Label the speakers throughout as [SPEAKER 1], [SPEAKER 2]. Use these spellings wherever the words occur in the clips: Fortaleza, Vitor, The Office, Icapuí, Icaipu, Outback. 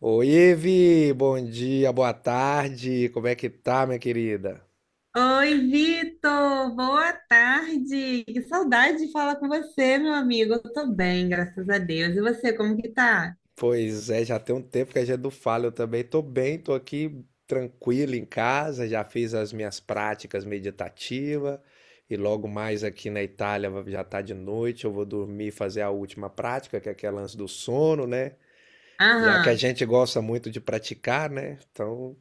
[SPEAKER 1] Oi, Evi, bom dia, boa tarde, como é que tá, minha querida?
[SPEAKER 2] Oi, Vitor! Boa tarde! Que saudade de falar com você, meu amigo. Eu tô bem, graças a Deus. E você, como que tá?
[SPEAKER 1] Pois é, já tem um tempo que a gente não fala, eu também tô bem, tô aqui tranquilo em casa, já fiz as minhas práticas meditativas e logo mais aqui na Itália já tá de noite, eu vou dormir e fazer a última prática, que é aquele lance do sono, né? Já que a
[SPEAKER 2] Aham.
[SPEAKER 1] gente gosta muito de praticar, né? Então,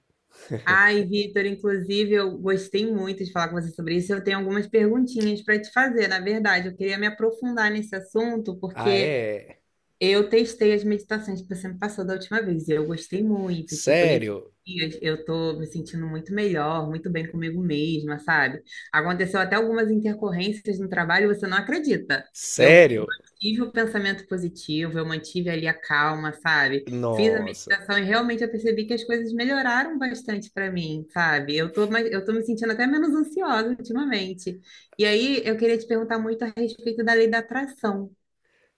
[SPEAKER 2] Ai, Vitor, inclusive, eu gostei muito de falar com você sobre isso. Eu tenho algumas perguntinhas para te fazer, na verdade. Eu queria me aprofundar nesse assunto,
[SPEAKER 1] ah,
[SPEAKER 2] porque
[SPEAKER 1] é?
[SPEAKER 2] eu testei as meditações que você me passou da última vez e eu gostei muito. Tipo, nesses
[SPEAKER 1] Sério?
[SPEAKER 2] dias eu tô me sentindo muito melhor, muito bem comigo mesma, sabe? Aconteceu até algumas intercorrências no trabalho, você não acredita. Eu
[SPEAKER 1] Sério?
[SPEAKER 2] mantive o pensamento positivo, eu mantive ali a calma, sabe? Fiz a
[SPEAKER 1] Nossa.
[SPEAKER 2] meditação e realmente eu percebi que as coisas melhoraram bastante para mim, sabe? Eu tô me sentindo até menos ansiosa ultimamente. E aí eu queria te perguntar muito a respeito da lei da atração.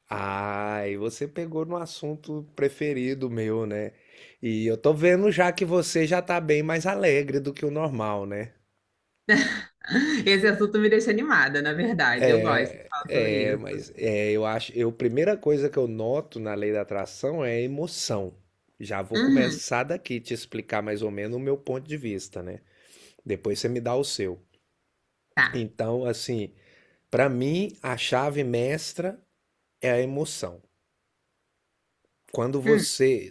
[SPEAKER 1] Ah, e você pegou no assunto preferido meu, né? E eu tô vendo já que você já tá bem mais alegre do que o normal, né?
[SPEAKER 2] Esse assunto me deixa animada, na verdade. Eu gosto de falar sobre
[SPEAKER 1] É,
[SPEAKER 2] isso.
[SPEAKER 1] mas é, eu acho, eu, primeira coisa que eu noto na lei da atração é a emoção. Já vou
[SPEAKER 2] Uhum,
[SPEAKER 1] começar daqui te explicar mais ou menos o meu ponto de vista, né? Depois você me dá o seu.
[SPEAKER 2] tá.
[SPEAKER 1] Então, assim, pra mim, a chave mestra é a emoção. quando
[SPEAKER 2] Hum.
[SPEAKER 1] você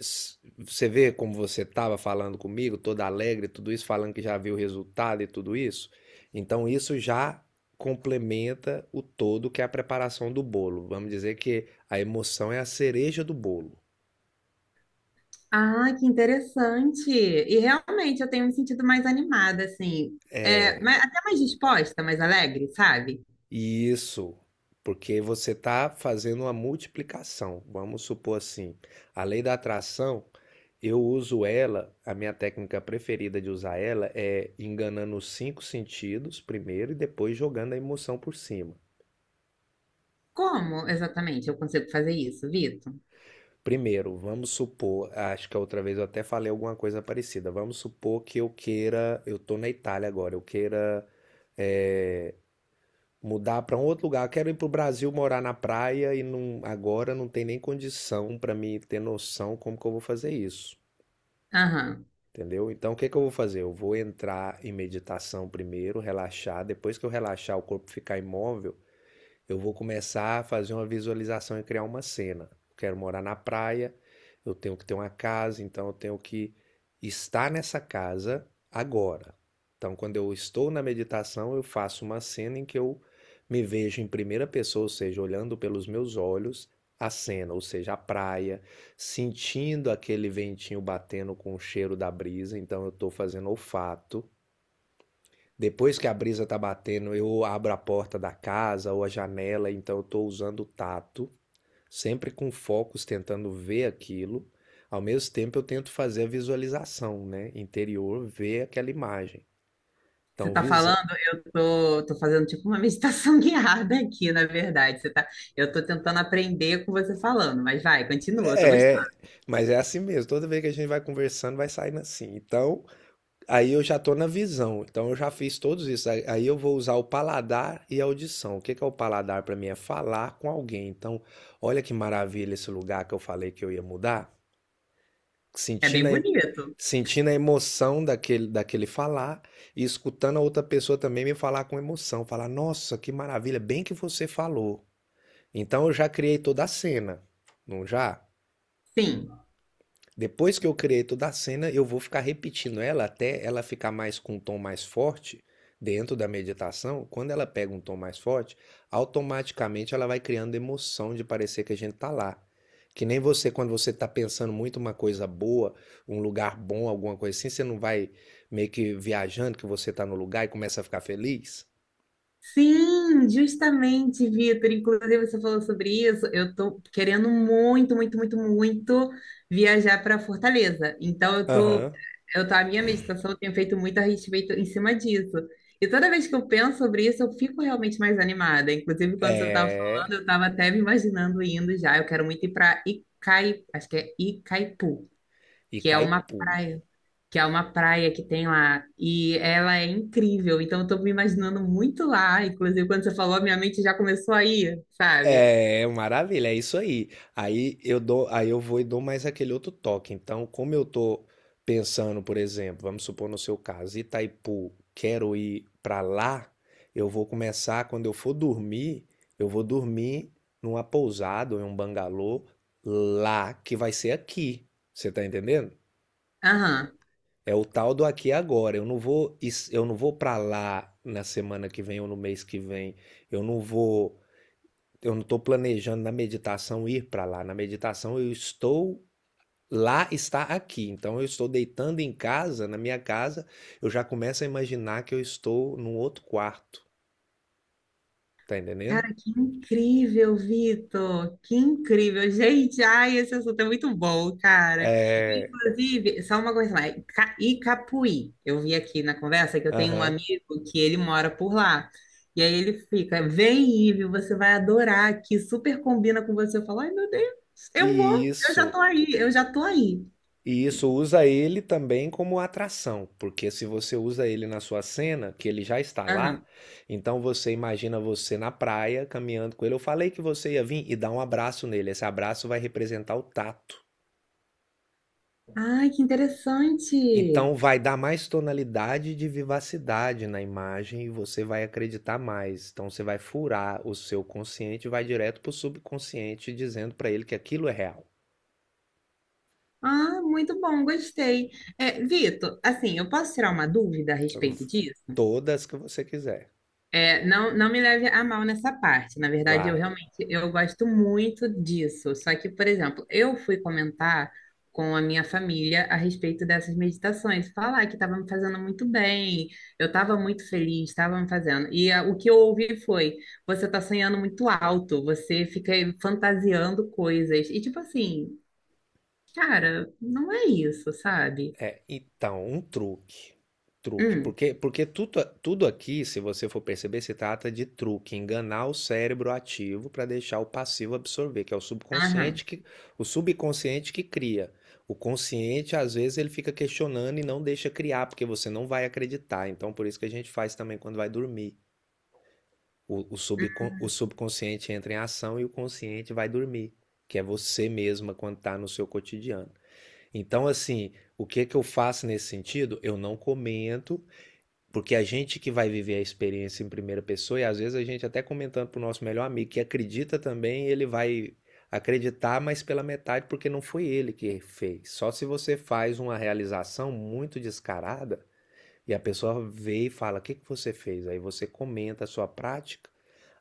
[SPEAKER 1] você vê como você estava falando comigo, toda alegre, tudo isso, falando que já viu o resultado e tudo isso, então isso já complementa o todo que é a preparação do bolo. Vamos dizer que a emoção é a cereja do bolo.
[SPEAKER 2] Ah, que interessante. E realmente eu tenho me sentido mais animada, assim. É, mas,
[SPEAKER 1] É,
[SPEAKER 2] até mais disposta, mais alegre, sabe?
[SPEAKER 1] e isso porque você está fazendo uma multiplicação. Vamos supor assim, a lei da atração. Eu uso ela, a minha técnica preferida de usar ela é enganando os cinco sentidos primeiro e depois jogando a emoção por cima.
[SPEAKER 2] Como exatamente eu consigo fazer isso, Vitor?
[SPEAKER 1] Primeiro, vamos supor, acho que a outra vez eu até falei alguma coisa parecida. Vamos supor que eu queira, eu tô na Itália agora, eu queira, é, mudar para um outro lugar. Eu quero ir pro Brasil morar na praia e agora não tem nem condição para mim ter noção como que eu vou fazer isso.
[SPEAKER 2] Aham.
[SPEAKER 1] Entendeu? Então, o que que eu vou fazer? Eu vou entrar em meditação primeiro, relaxar. Depois que eu relaxar, o corpo ficar imóvel, eu vou começar a fazer uma visualização e criar uma cena. Eu quero morar na praia, eu tenho que ter uma casa, então eu tenho que estar nessa casa agora. Então, quando eu estou na meditação, eu faço uma cena em que eu me vejo em primeira pessoa, ou seja, olhando pelos meus olhos a cena, ou seja, a praia, sentindo aquele ventinho batendo com o cheiro da brisa, então eu estou fazendo olfato, depois que a brisa tá batendo, eu abro a porta da casa ou a janela, então eu tô usando o tato, sempre com focos tentando ver aquilo. Ao mesmo tempo eu tento fazer a visualização, né? Interior, ver aquela imagem.
[SPEAKER 2] Você
[SPEAKER 1] Então,
[SPEAKER 2] tá
[SPEAKER 1] visão.
[SPEAKER 2] falando, eu tô fazendo tipo uma meditação guiada aqui, na verdade. Eu tô tentando aprender com você falando, mas vai, continua, eu tô gostando.
[SPEAKER 1] É, mas é assim mesmo. Toda vez que a gente vai conversando, vai saindo assim. Então, aí eu já tô na visão, então eu já fiz todos isso. Aí eu vou usar o paladar e a audição. O que que é o paladar para mim? É falar com alguém. Então, olha que maravilha esse lugar que eu falei que eu ia mudar,
[SPEAKER 2] É bem
[SPEAKER 1] sentindo a, em-
[SPEAKER 2] bonito.
[SPEAKER 1] sentindo a emoção daquele falar e escutando a outra pessoa também me falar com emoção. Falar, nossa, que maravilha, bem que você falou. Então eu já criei toda a cena, não já?
[SPEAKER 2] Sim.
[SPEAKER 1] Depois que eu criei toda a cena, eu vou ficar repetindo ela até ela ficar mais com um tom mais forte dentro da meditação. Quando ela pega um tom mais forte, automaticamente ela vai criando emoção de parecer que a gente tá lá. Que nem você, quando você tá pensando muito uma coisa boa, um lugar bom, alguma coisa assim, você não vai meio que viajando que você tá no lugar e começa a ficar feliz?
[SPEAKER 2] Sim, justamente, Vitor. Inclusive, você falou sobre isso. Eu tô querendo muito, muito, muito, muito viajar para Fortaleza. Então, eu tô,
[SPEAKER 1] Aham.
[SPEAKER 2] eu tô, a minha meditação eu tenho feito muito a respeito em cima disso. E toda vez que eu penso sobre isso, eu fico realmente mais animada. Inclusive, quando você estava
[SPEAKER 1] É.
[SPEAKER 2] falando, eu estava até me imaginando indo já. Eu quero muito ir para acho que é Icaipu,
[SPEAKER 1] E
[SPEAKER 2] que é
[SPEAKER 1] cai
[SPEAKER 2] uma
[SPEAKER 1] puro.
[SPEAKER 2] praia que é uma praia que tem lá, e ela é incrível, então eu tô me imaginando muito lá, inclusive quando você falou, a minha mente já começou a ir, sabe?
[SPEAKER 1] É, maravilha, é isso aí. Aí eu dou, aí eu vou e dou mais aquele outro toque. Então, como eu tô pensando, por exemplo, vamos supor no seu caso, Itaipu, quero ir pra lá, eu vou começar quando eu for dormir, eu vou dormir numa pousada ou em um bangalô lá que vai ser aqui. Você tá entendendo?
[SPEAKER 2] Aham.
[SPEAKER 1] É o tal do aqui e agora. Eu não vou para lá na semana que vem ou no mês que vem. Eu não vou eu não estou planejando na meditação ir para lá. Na meditação eu estou lá está aqui. Então eu estou deitando em casa, na minha casa, eu já começo a imaginar que eu estou num outro quarto, tá entendendo?
[SPEAKER 2] Cara, que incrível, Vitor! Que incrível! Gente, ai, esse assunto é muito bom, cara.
[SPEAKER 1] É,
[SPEAKER 2] Inclusive, só uma coisa mais, Icapuí. Eu vi aqui na conversa que eu tenho um
[SPEAKER 1] aham.
[SPEAKER 2] amigo que ele mora por lá. E aí ele fica, vem, Ive, você vai adorar aqui, super combina com você. Eu falo, ai, meu Deus,
[SPEAKER 1] E
[SPEAKER 2] eu já
[SPEAKER 1] isso,
[SPEAKER 2] tô aí, eu já tô aí.
[SPEAKER 1] e isso usa ele também como atração, porque se você usa ele na sua cena, que ele já está lá,
[SPEAKER 2] Aham.
[SPEAKER 1] então você imagina você na praia caminhando com ele. Eu falei que você ia vir e dar um abraço nele. Esse abraço vai representar o tato.
[SPEAKER 2] Ai, que
[SPEAKER 1] Então
[SPEAKER 2] interessante.
[SPEAKER 1] vai dar mais tonalidade de vivacidade na imagem e você vai acreditar mais. Então você vai furar o seu consciente e vai direto para o subconsciente dizendo para ele que aquilo é real.
[SPEAKER 2] Ah, muito bom, gostei. É, Vitor, assim, eu posso tirar uma dúvida a respeito disso?
[SPEAKER 1] Todas que você quiser.
[SPEAKER 2] É, não, não me leve a mal nessa parte. Na verdade, eu
[SPEAKER 1] Vai.
[SPEAKER 2] realmente eu gosto muito disso. Só que, por exemplo, eu fui comentar com a minha família a respeito dessas meditações, falar que estava me fazendo muito bem, eu estava muito feliz, estava me fazendo. E ah, o que eu ouvi foi: você está sonhando muito alto, você fica aí fantasiando coisas. E tipo assim, cara, não é isso, sabe?
[SPEAKER 1] É, então, um truque. Truque.
[SPEAKER 2] Hum,
[SPEAKER 1] Porque, porque tudo aqui, se você for perceber, se trata de truque, enganar o cérebro ativo para deixar o passivo absorver, que é
[SPEAKER 2] aham.
[SPEAKER 1] o subconsciente que cria. O consciente, às vezes, ele fica questionando e não deixa criar, porque você não vai acreditar. Então, por isso que a gente faz também quando vai dormir. O subconsciente entra em ação e o consciente vai dormir, que é você mesma quando está no seu cotidiano. Então, assim, o que que eu faço nesse sentido? Eu não comento, porque a gente que vai viver a experiência em primeira pessoa, e às vezes a gente até comentando pro nosso melhor amigo que acredita também, ele vai acreditar, mas pela metade, porque não foi ele que fez. Só se você faz uma realização muito descarada e a pessoa vê e fala: o que que você fez? Aí você comenta a sua prática.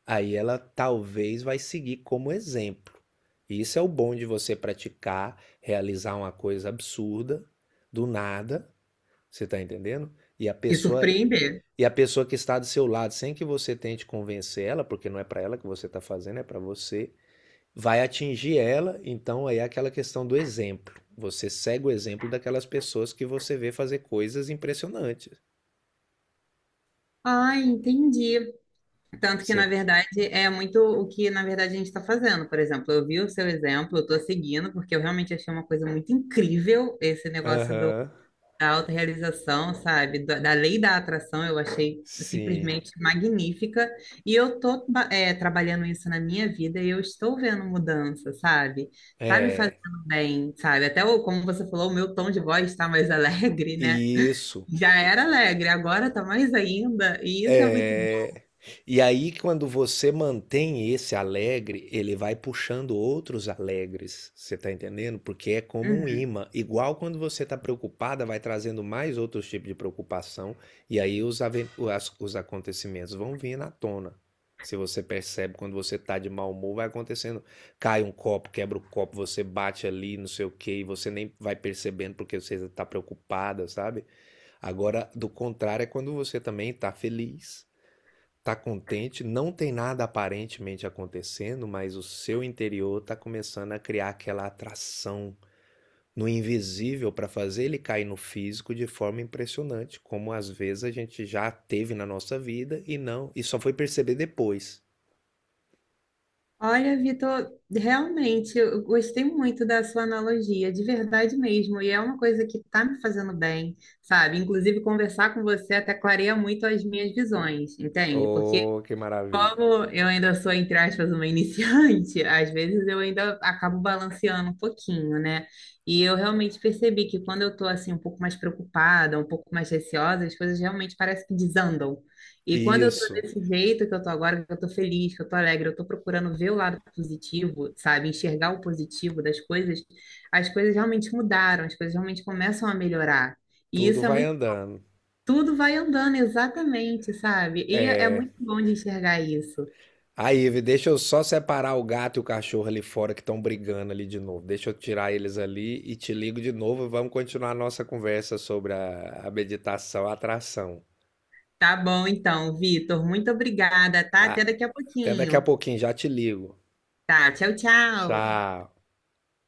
[SPEAKER 1] Aí ela talvez vai seguir como exemplo. E isso é o bom de você praticar, realizar uma coisa absurda, do nada, você está entendendo? E a
[SPEAKER 2] E
[SPEAKER 1] pessoa
[SPEAKER 2] surpreender.
[SPEAKER 1] e a pessoa que está do seu lado, sem que você tente convencer ela, porque não é para ela que você está fazendo, é para você, vai atingir ela. Então aí é aquela questão do exemplo. Você segue o exemplo daquelas pessoas que você vê fazer coisas impressionantes.
[SPEAKER 2] Ah, entendi. Tanto que, na
[SPEAKER 1] Você...
[SPEAKER 2] verdade, é muito o que, na verdade, a gente está fazendo. Por exemplo, eu vi o seu exemplo, eu estou seguindo, porque eu realmente achei uma coisa muito incrível esse
[SPEAKER 1] Aham,
[SPEAKER 2] da autorrealização, sabe? Da lei da atração, eu achei
[SPEAKER 1] sim.
[SPEAKER 2] simplesmente magnífica. E eu estou trabalhando isso na minha vida e eu estou vendo mudança, sabe? Tá me fazendo
[SPEAKER 1] É,
[SPEAKER 2] bem, sabe? Como você falou, o meu tom de voz está mais alegre, né?
[SPEAKER 1] isso.
[SPEAKER 2] Já era alegre, agora tá mais ainda, e isso é muito bom.
[SPEAKER 1] É. E aí, quando você mantém esse alegre, ele vai puxando outros alegres. Você tá entendendo? Porque é como um
[SPEAKER 2] Uhum.
[SPEAKER 1] imã. Igual quando você tá preocupada, vai trazendo mais outros tipos de preocupação. E aí os, aven- as- os acontecimentos vão vir na tona. Se você percebe quando você tá de mau humor, vai acontecendo. Cai um copo, quebra o copo, você bate ali, não sei o quê, e você nem vai percebendo porque você tá preocupada, sabe? Agora, do contrário, é quando você também tá feliz. Tá contente, não tem nada aparentemente acontecendo, mas o seu interior tá começando a criar aquela atração no invisível para fazer ele cair no físico de forma impressionante, como às vezes a gente já teve na nossa vida e não, e só foi perceber depois.
[SPEAKER 2] Olha, Vitor, realmente eu gostei muito da sua analogia, de verdade mesmo, e é uma coisa que está me fazendo bem, sabe? Inclusive, conversar com você até clareia muito as minhas visões, entende? Porque
[SPEAKER 1] Oh, que maravilha.
[SPEAKER 2] como eu ainda sou, entre aspas, uma iniciante, às vezes eu ainda acabo balanceando um pouquinho, né? E eu realmente percebi que quando eu tô assim um pouco mais preocupada, um pouco mais receosa, as coisas realmente parecem que desandam. E quando eu tô
[SPEAKER 1] Isso,
[SPEAKER 2] desse jeito que eu tô agora, que eu tô feliz, que eu tô alegre, eu tô procurando ver o lado positivo, sabe? Enxergar o positivo das coisas, as coisas realmente mudaram, as coisas realmente começam a melhorar. E
[SPEAKER 1] tudo
[SPEAKER 2] isso é
[SPEAKER 1] vai
[SPEAKER 2] muito,
[SPEAKER 1] andando.
[SPEAKER 2] Tudo vai andando exatamente, sabe? E é muito bom de enxergar isso.
[SPEAKER 1] Aí, Ive, deixa eu só separar o gato e o cachorro ali fora que estão brigando ali de novo. Deixa eu tirar eles ali e te ligo de novo. Vamos continuar a nossa conversa sobre a meditação, a atração.
[SPEAKER 2] Tá bom, então, Vitor. Muito obrigada, tá?
[SPEAKER 1] Ah,
[SPEAKER 2] Até daqui a
[SPEAKER 1] até daqui a
[SPEAKER 2] pouquinho.
[SPEAKER 1] pouquinho, já te ligo.
[SPEAKER 2] Tá, tchau, tchau.
[SPEAKER 1] Tchau.